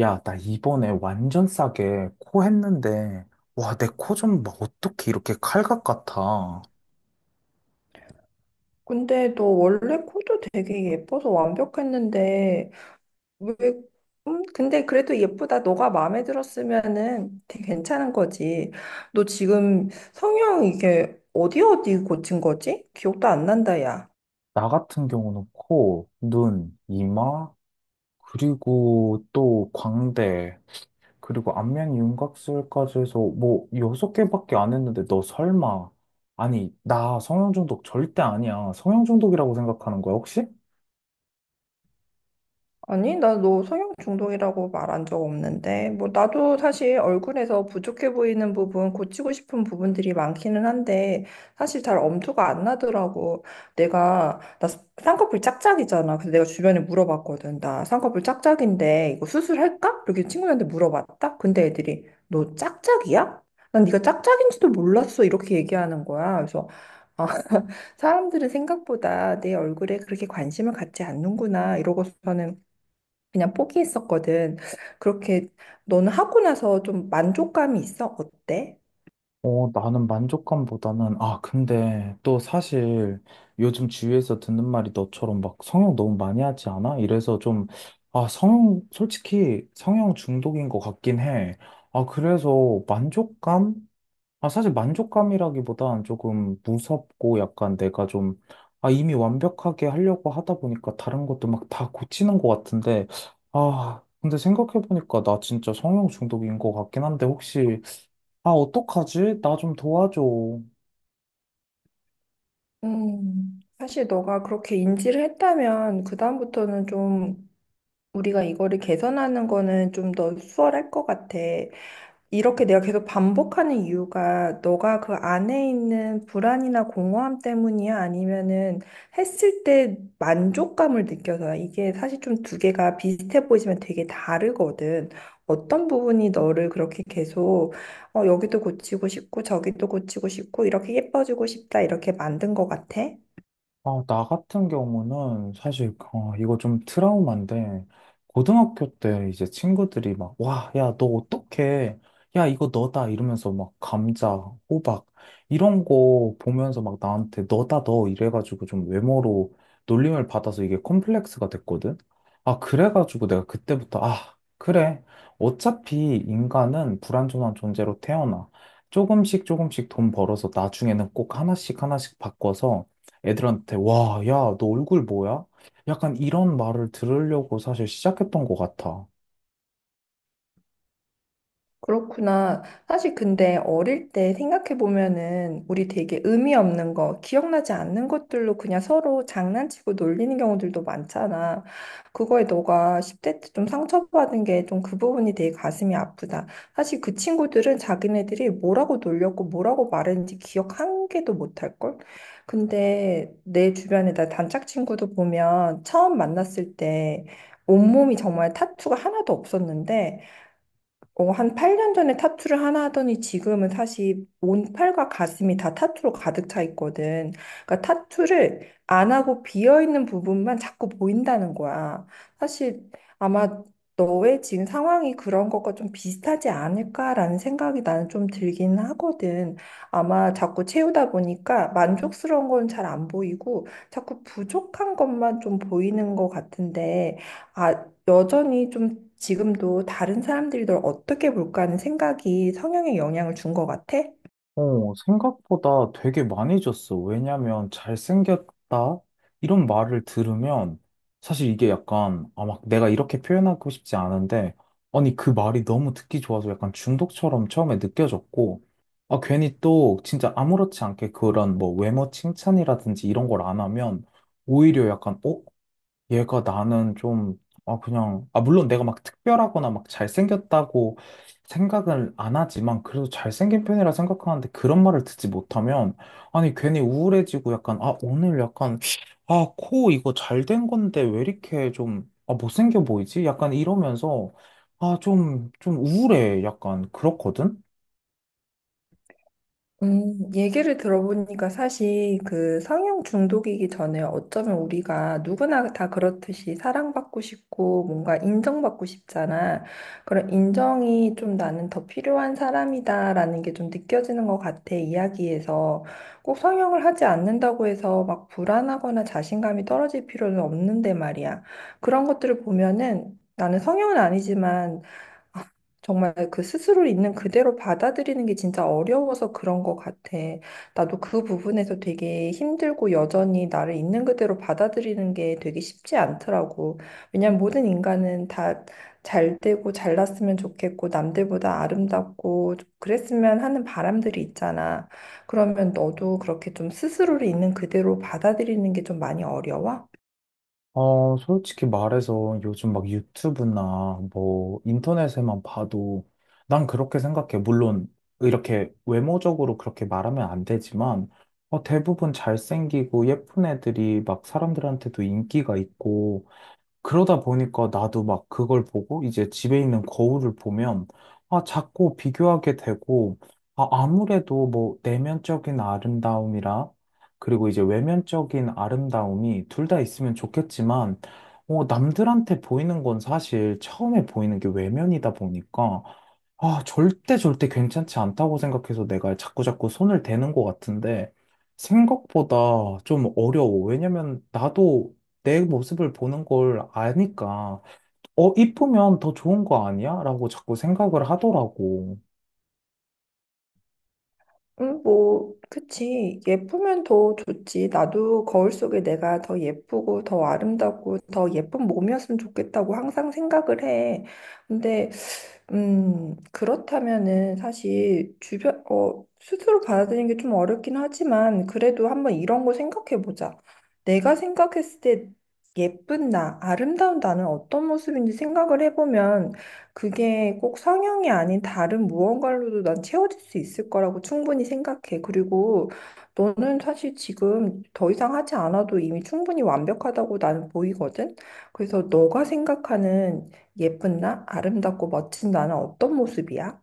야, 나 이번에 완전 싸게 코 했는데, 와, 내 코 좀 막 어떻게 이렇게 칼각 같아. 근데 너 원래 코도 되게 예뻐서 완벽했는데 왜 근데 그래도 예쁘다. 너가 마음에 들었으면은 되게 괜찮은 거지. 너 지금 성형 이게 어디 어디 고친 거지? 기억도 안 난다, 야. 나 같은 경우는 코, 눈, 이마, 그리고 또 광대, 그리고 안면 윤곽술까지 해서 뭐 여섯 개밖에 안 했는데 너 설마. 아니, 나 성형 중독 절대 아니야. 성형 중독이라고 생각하는 거야, 혹시? 아니, 나 너 성형 중독이라고 말한 적 없는데, 뭐, 나도 사실 얼굴에서 부족해 보이는 부분, 고치고 싶은 부분들이 많기는 한데, 사실 잘 엄두가 안 나더라고. 나 쌍꺼풀 짝짝이잖아. 그래서 내가 주변에 물어봤거든. 나 쌍꺼풀 짝짝인데, 이거 수술할까? 이렇게 친구들한테 물어봤다? 근데 애들이, 너 짝짝이야? 난 네가 짝짝인지도 몰랐어. 이렇게 얘기하는 거야. 그래서, 아, 사람들은 생각보다 내 얼굴에 그렇게 관심을 갖지 않는구나. 이러고서는 그냥 포기했었거든. 그렇게 너는 하고 나서 좀 만족감이 있어? 어때? 어, 나는 만족감보다는, 아, 근데 또 사실 요즘 주위에서 듣는 말이 너처럼 막 성형 너무 많이 하지 않아? 이래서 좀, 아, 성형, 솔직히 성형 중독인 것 같긴 해. 아, 그래서 만족감? 아, 사실 만족감이라기보단 조금 무섭고 약간 내가 좀, 아, 이미 완벽하게 하려고 하다 보니까 다른 것도 막 다 고치는 것 같은데, 아, 근데 생각해보니까 나 진짜 성형 중독인 것 같긴 한데 혹시 아, 어떡하지? 나 좀 도와줘. 사실 너가 그렇게 인지를 했다면 그다음부터는 좀 우리가 이거를 개선하는 거는 좀 더 수월할 것 같아. 이렇게 내가 계속 반복하는 이유가 너가 그 안에 있는 불안이나 공허함 때문이야? 아니면은 했을 때 만족감을 느껴서야? 이게 사실 좀 두 개가 비슷해 보이지만 되게 다르거든. 어떤 부분이 너를 그렇게 계속 여기도 고치고 싶고 저기도 고치고 싶고 이렇게 예뻐지고 싶다 이렇게 만든 것 같아? 아, 나 같은 경우는 사실 어, 이거 좀 트라우마인데 고등학교 때 이제 친구들이 막 와, 야, 너 어떡해? 야, 이거 너다 이러면서 막 감자, 호박 이런 거 보면서 막 나한테 너다 너 이래가지고 좀 외모로 놀림을 받아서 이게 컴플렉스가 됐거든. 아, 그래가지고 내가 그때부터 아, 그래. 어차피 인간은 불완전한 존재로 태어나. 조금씩 조금씩 돈 벌어서 나중에는 꼭 하나씩 하나씩 바꿔서 애들한테 와, 야, 너 얼굴 뭐야? 약간 이런 말을 들으려고 사실 시작했던 것 같아. 그렇구나. 사실 근데 어릴 때 생각해 보면은 우리 되게 의미 없는 거, 기억나지 않는 것들로 그냥 서로 장난치고 놀리는 경우들도 많잖아. 그거에 너가 10대 때 좀 상처받은 게 좀 그 부분이 되게 가슴이 아프다. 사실 그 친구들은 자기네들이 뭐라고 놀렸고 뭐라고 말했는지 기억 한 개도 못 할걸? 근데 내 주변에 나 단짝 친구도 보면 처음 만났을 때 온몸이 정말 타투가 하나도 없었는데 어, 한 8년 전에 타투를 하나 하더니 지금은 사실 온 팔과 가슴이 다 타투로 가득 차 있거든. 그러니까 타투를 안 하고 비어 있는 부분만 자꾸 보인다는 거야. 사실 아마 너의 지금 상황이 그런 것과 좀 비슷하지 않을까라는 생각이 나는 좀 들긴 하거든. 아마 자꾸 채우다 보니까 만족스러운 건 잘 안 보이고 자꾸 부족한 것만 좀 보이는 것 같은데, 아, 여전히 좀 지금도 다른 사람들이 널 어떻게 볼까 하는 생각이 성향에 영향을 준 것 같아? 어, 생각보다 되게 많이 줬어. 왜냐면 잘생겼다 이런 말을 들으면 사실 이게 약간 아, 막 내가 이렇게 표현하고 싶지 않은데 아니 그 말이 너무 듣기 좋아서 약간 중독처럼 처음에 느껴졌고 아 괜히 또 진짜 아무렇지 않게 그런 뭐 외모 칭찬이라든지 이런 걸 안 하면 오히려 약간 어? 얘가 나는 좀, 아, 그냥, 아, 물론 내가 막 특별하거나 막 잘생겼다고 생각을 안 하지만, 그래도 잘생긴 편이라 생각하는데 그런 말을 듣지 못하면, 아니, 괜히 우울해지고 약간, 아, 오늘 약간, 아, 코 이거 잘 된 건데 왜 이렇게 좀, 아, 못생겨 보이지? 약간 이러면서, 아, 좀, 좀 우울해. 약간 그렇거든? 얘기를 들어보니까 사실 그 성형 중독이기 전에 어쩌면 우리가 누구나 다 그렇듯이 사랑받고 싶고 뭔가 인정받고 싶잖아. 그런 인정이 좀 나는 더 필요한 사람이다라는 게 좀 느껴지는 것 같아, 이야기에서. 꼭 성형을 하지 않는다고 해서 막 불안하거나 자신감이 떨어질 필요는 없는데 말이야. 그런 것들을 보면은 나는 성형은 아니지만 정말 그 스스로 있는 그대로 받아들이는 게 진짜 어려워서 그런 것 같아. 나도 그 부분에서 되게 힘들고 여전히 나를 있는 그대로 받아들이는 게 되게 쉽지 않더라고. 왜냐면 모든 인간은 다 잘 되고 잘났으면 좋겠고 남들보다 아름답고 그랬으면 하는 바람들이 있잖아. 그러면 너도 그렇게 좀 스스로를 있는 그대로 받아들이는 게 좀 많이 어려워? 어, 솔직히 말해서 요즘 막 유튜브나 뭐 인터넷에만 봐도 난 그렇게 생각해. 물론 이렇게 외모적으로 그렇게 말하면 안 되지만 어, 대부분 잘생기고 예쁜 애들이 막 사람들한테도 인기가 있고 그러다 보니까 나도 막 그걸 보고 이제 집에 있는 거울을 보면 아, 자꾸 비교하게 되고 아, 아무래도 뭐 내면적인 아름다움이라 그리고 이제 외면적인 아름다움이 둘 다 있으면 좋겠지만 어, 남들한테 보이는 건 사실 처음에 보이는 게 외면이다 보니까 아, 절대 절대 괜찮지 않다고 생각해서 내가 자꾸 자꾸 손을 대는 것 같은데 생각보다 좀 어려워. 왜냐면 나도 내 모습을 보는 걸 아니까, 어, 이쁘면 더 좋은 거 아니야? 라고 자꾸 생각을 하더라고. 뭐, 그치. 예쁘면 더 좋지. 나도 거울 속에 내가 더 예쁘고, 더 아름답고, 더 예쁜 몸이었으면 좋겠다고 항상 생각을 해. 근데 그렇다면은 사실 주변, 스스로 받아들이는 게 좀 어렵긴 하지만 그래도 한번 이런 거 생각해 보자. 내가 생각했을 때 예쁜 나, 아름다운 나는 어떤 모습인지 생각을 해보면 그게 꼭 성형이 아닌 다른 무언가로도 난 채워질 수 있을 거라고 충분히 생각해. 그리고 너는 사실 지금 더 이상 하지 않아도 이미 충분히 완벽하다고 나는 보이거든. 그래서 너가 생각하는 예쁜 나? 아름답고 멋진 나는 어떤 모습이야?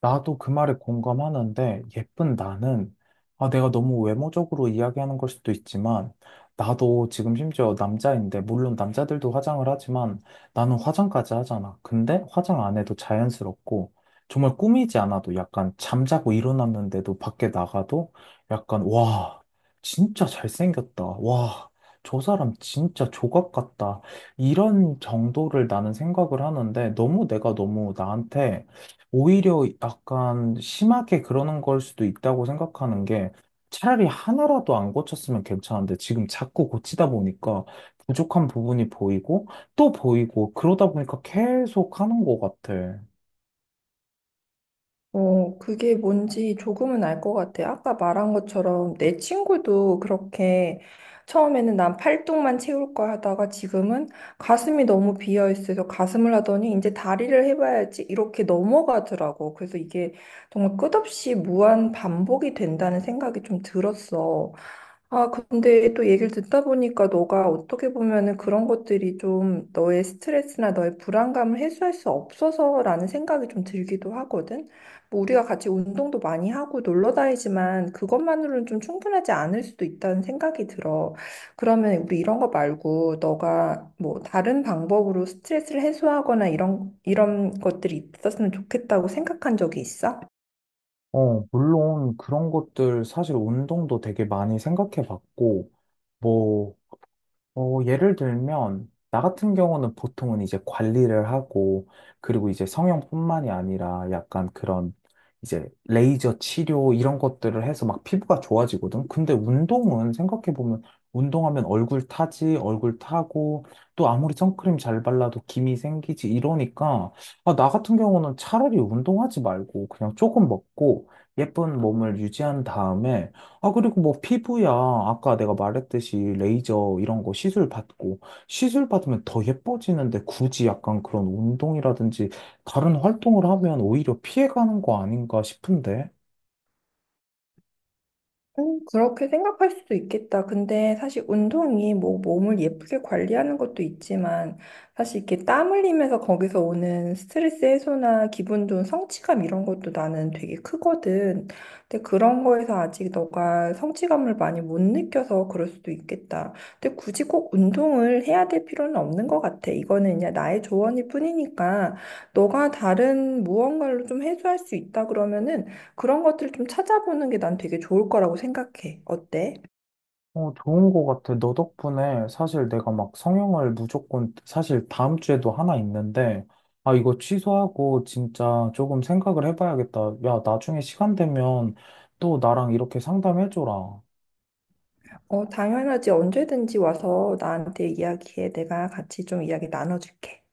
나도 그 말에 공감하는데, 예쁜 나는, 아, 내가 너무 외모적으로 이야기하는 걸 수도 있지만, 나도 지금 심지어 남자인데, 물론 남자들도 화장을 하지만, 나는 화장까지 하잖아. 근데 화장 안 해도 자연스럽고, 정말 꾸미지 않아도 약간 잠자고 일어났는데도 밖에 나가도 약간, 와, 진짜 잘생겼다. 와, 저 사람 진짜 조각 같다. 이런 정도를 나는 생각을 하는데, 너무 내가 너무 나한테 오히려 약간 심하게 그러는 걸 수도 있다고 생각하는 게 차라리 하나라도 안 고쳤으면 괜찮은데 지금 자꾸 고치다 보니까 부족한 부분이 보이고 또 보이고 그러다 보니까 계속 하는 것 같아. 어, 그게 뭔지 조금은 알 것 같아. 아까 말한 것처럼 내 친구도 그렇게 처음에는 난 팔뚝만 채울 거야 하다가 지금은 가슴이 너무 비어 있어서 가슴을 하더니 이제 다리를 해봐야지 이렇게 넘어가더라고. 그래서 이게 정말 끝없이 무한 반복이 된다는 생각이 좀 들었어. 아, 근데 또 얘기를 듣다 보니까 너가 어떻게 보면은 그런 것들이 좀 너의 스트레스나 너의 불안감을 해소할 수 없어서라는 생각이 좀 들기도 하거든. 뭐 우리가 같이 운동도 많이 하고 놀러 다니지만 그것만으로는 좀 충분하지 않을 수도 있다는 생각이 들어. 그러면 우리 이런 거 말고 너가 뭐 다른 방법으로 스트레스를 해소하거나 이런, 이런 것들이 있었으면 좋겠다고 생각한 적이 있어? 어, 물론 그런 것들 사실 운동도 되게 많이 생각해 봤고 뭐 어, 예를 들면, 나 같은 경우는 보통은 이제 관리를 하고, 그리고 이제 성형뿐만이 아니라 약간 그런 이제 레이저 치료 이런 것들을 해서 막 피부가 좋아지거든. 근데 운동은 생각해보면, 운동하면 얼굴 타지, 얼굴 타고, 또 아무리 선크림 잘 발라도 김이 생기지 이러니까, 아, 나 같은 경우는 차라리 운동하지 말고 그냥 조금 먹고 예쁜 몸을 유지한 다음에 아, 그리고 뭐 피부야. 아까 내가 말했듯이 레이저 이런 거 시술 받고, 시술 받으면 더 예뻐지는데 굳이 약간 그런 운동이라든지 다른 활동을 하면 오히려 피해가는 거 아닌가 싶은데? 그렇게 생각할 수도 있겠다. 근데 사실 운동이 뭐 몸을 예쁘게 관리하는 것도 있지만 사실 이렇게 땀 흘리면서 거기서 오는 스트레스 해소나 기분 좋은 성취감 이런 것도 나는 되게 크거든. 근데 그런 거에서 아직 너가 성취감을 많이 못 느껴서 그럴 수도 있겠다. 근데 굳이 꼭 운동을 해야 될 필요는 없는 것 같아. 이거는 그냥 나의 조언일 뿐이니까 너가 다른 무언가로 좀 해소할 수 있다 그러면은 그런 것들을 좀 찾아보는 게 난 되게 좋을 거라고 생각해. 어때? 어, 좋은 거 같아. 너 덕분에 사실 내가 막 성형을 무조건, 사실 다음 주에도 하나 있는데, 아, 이거 취소하고 진짜 조금 생각을 해봐야겠다. 야, 나중에 시간 되면 또 나랑 이렇게 상담해줘라. 어, 당연하지. 언제든지 와서 나한테 이야기해. 내가 같이 좀 이야기 나눠줄게.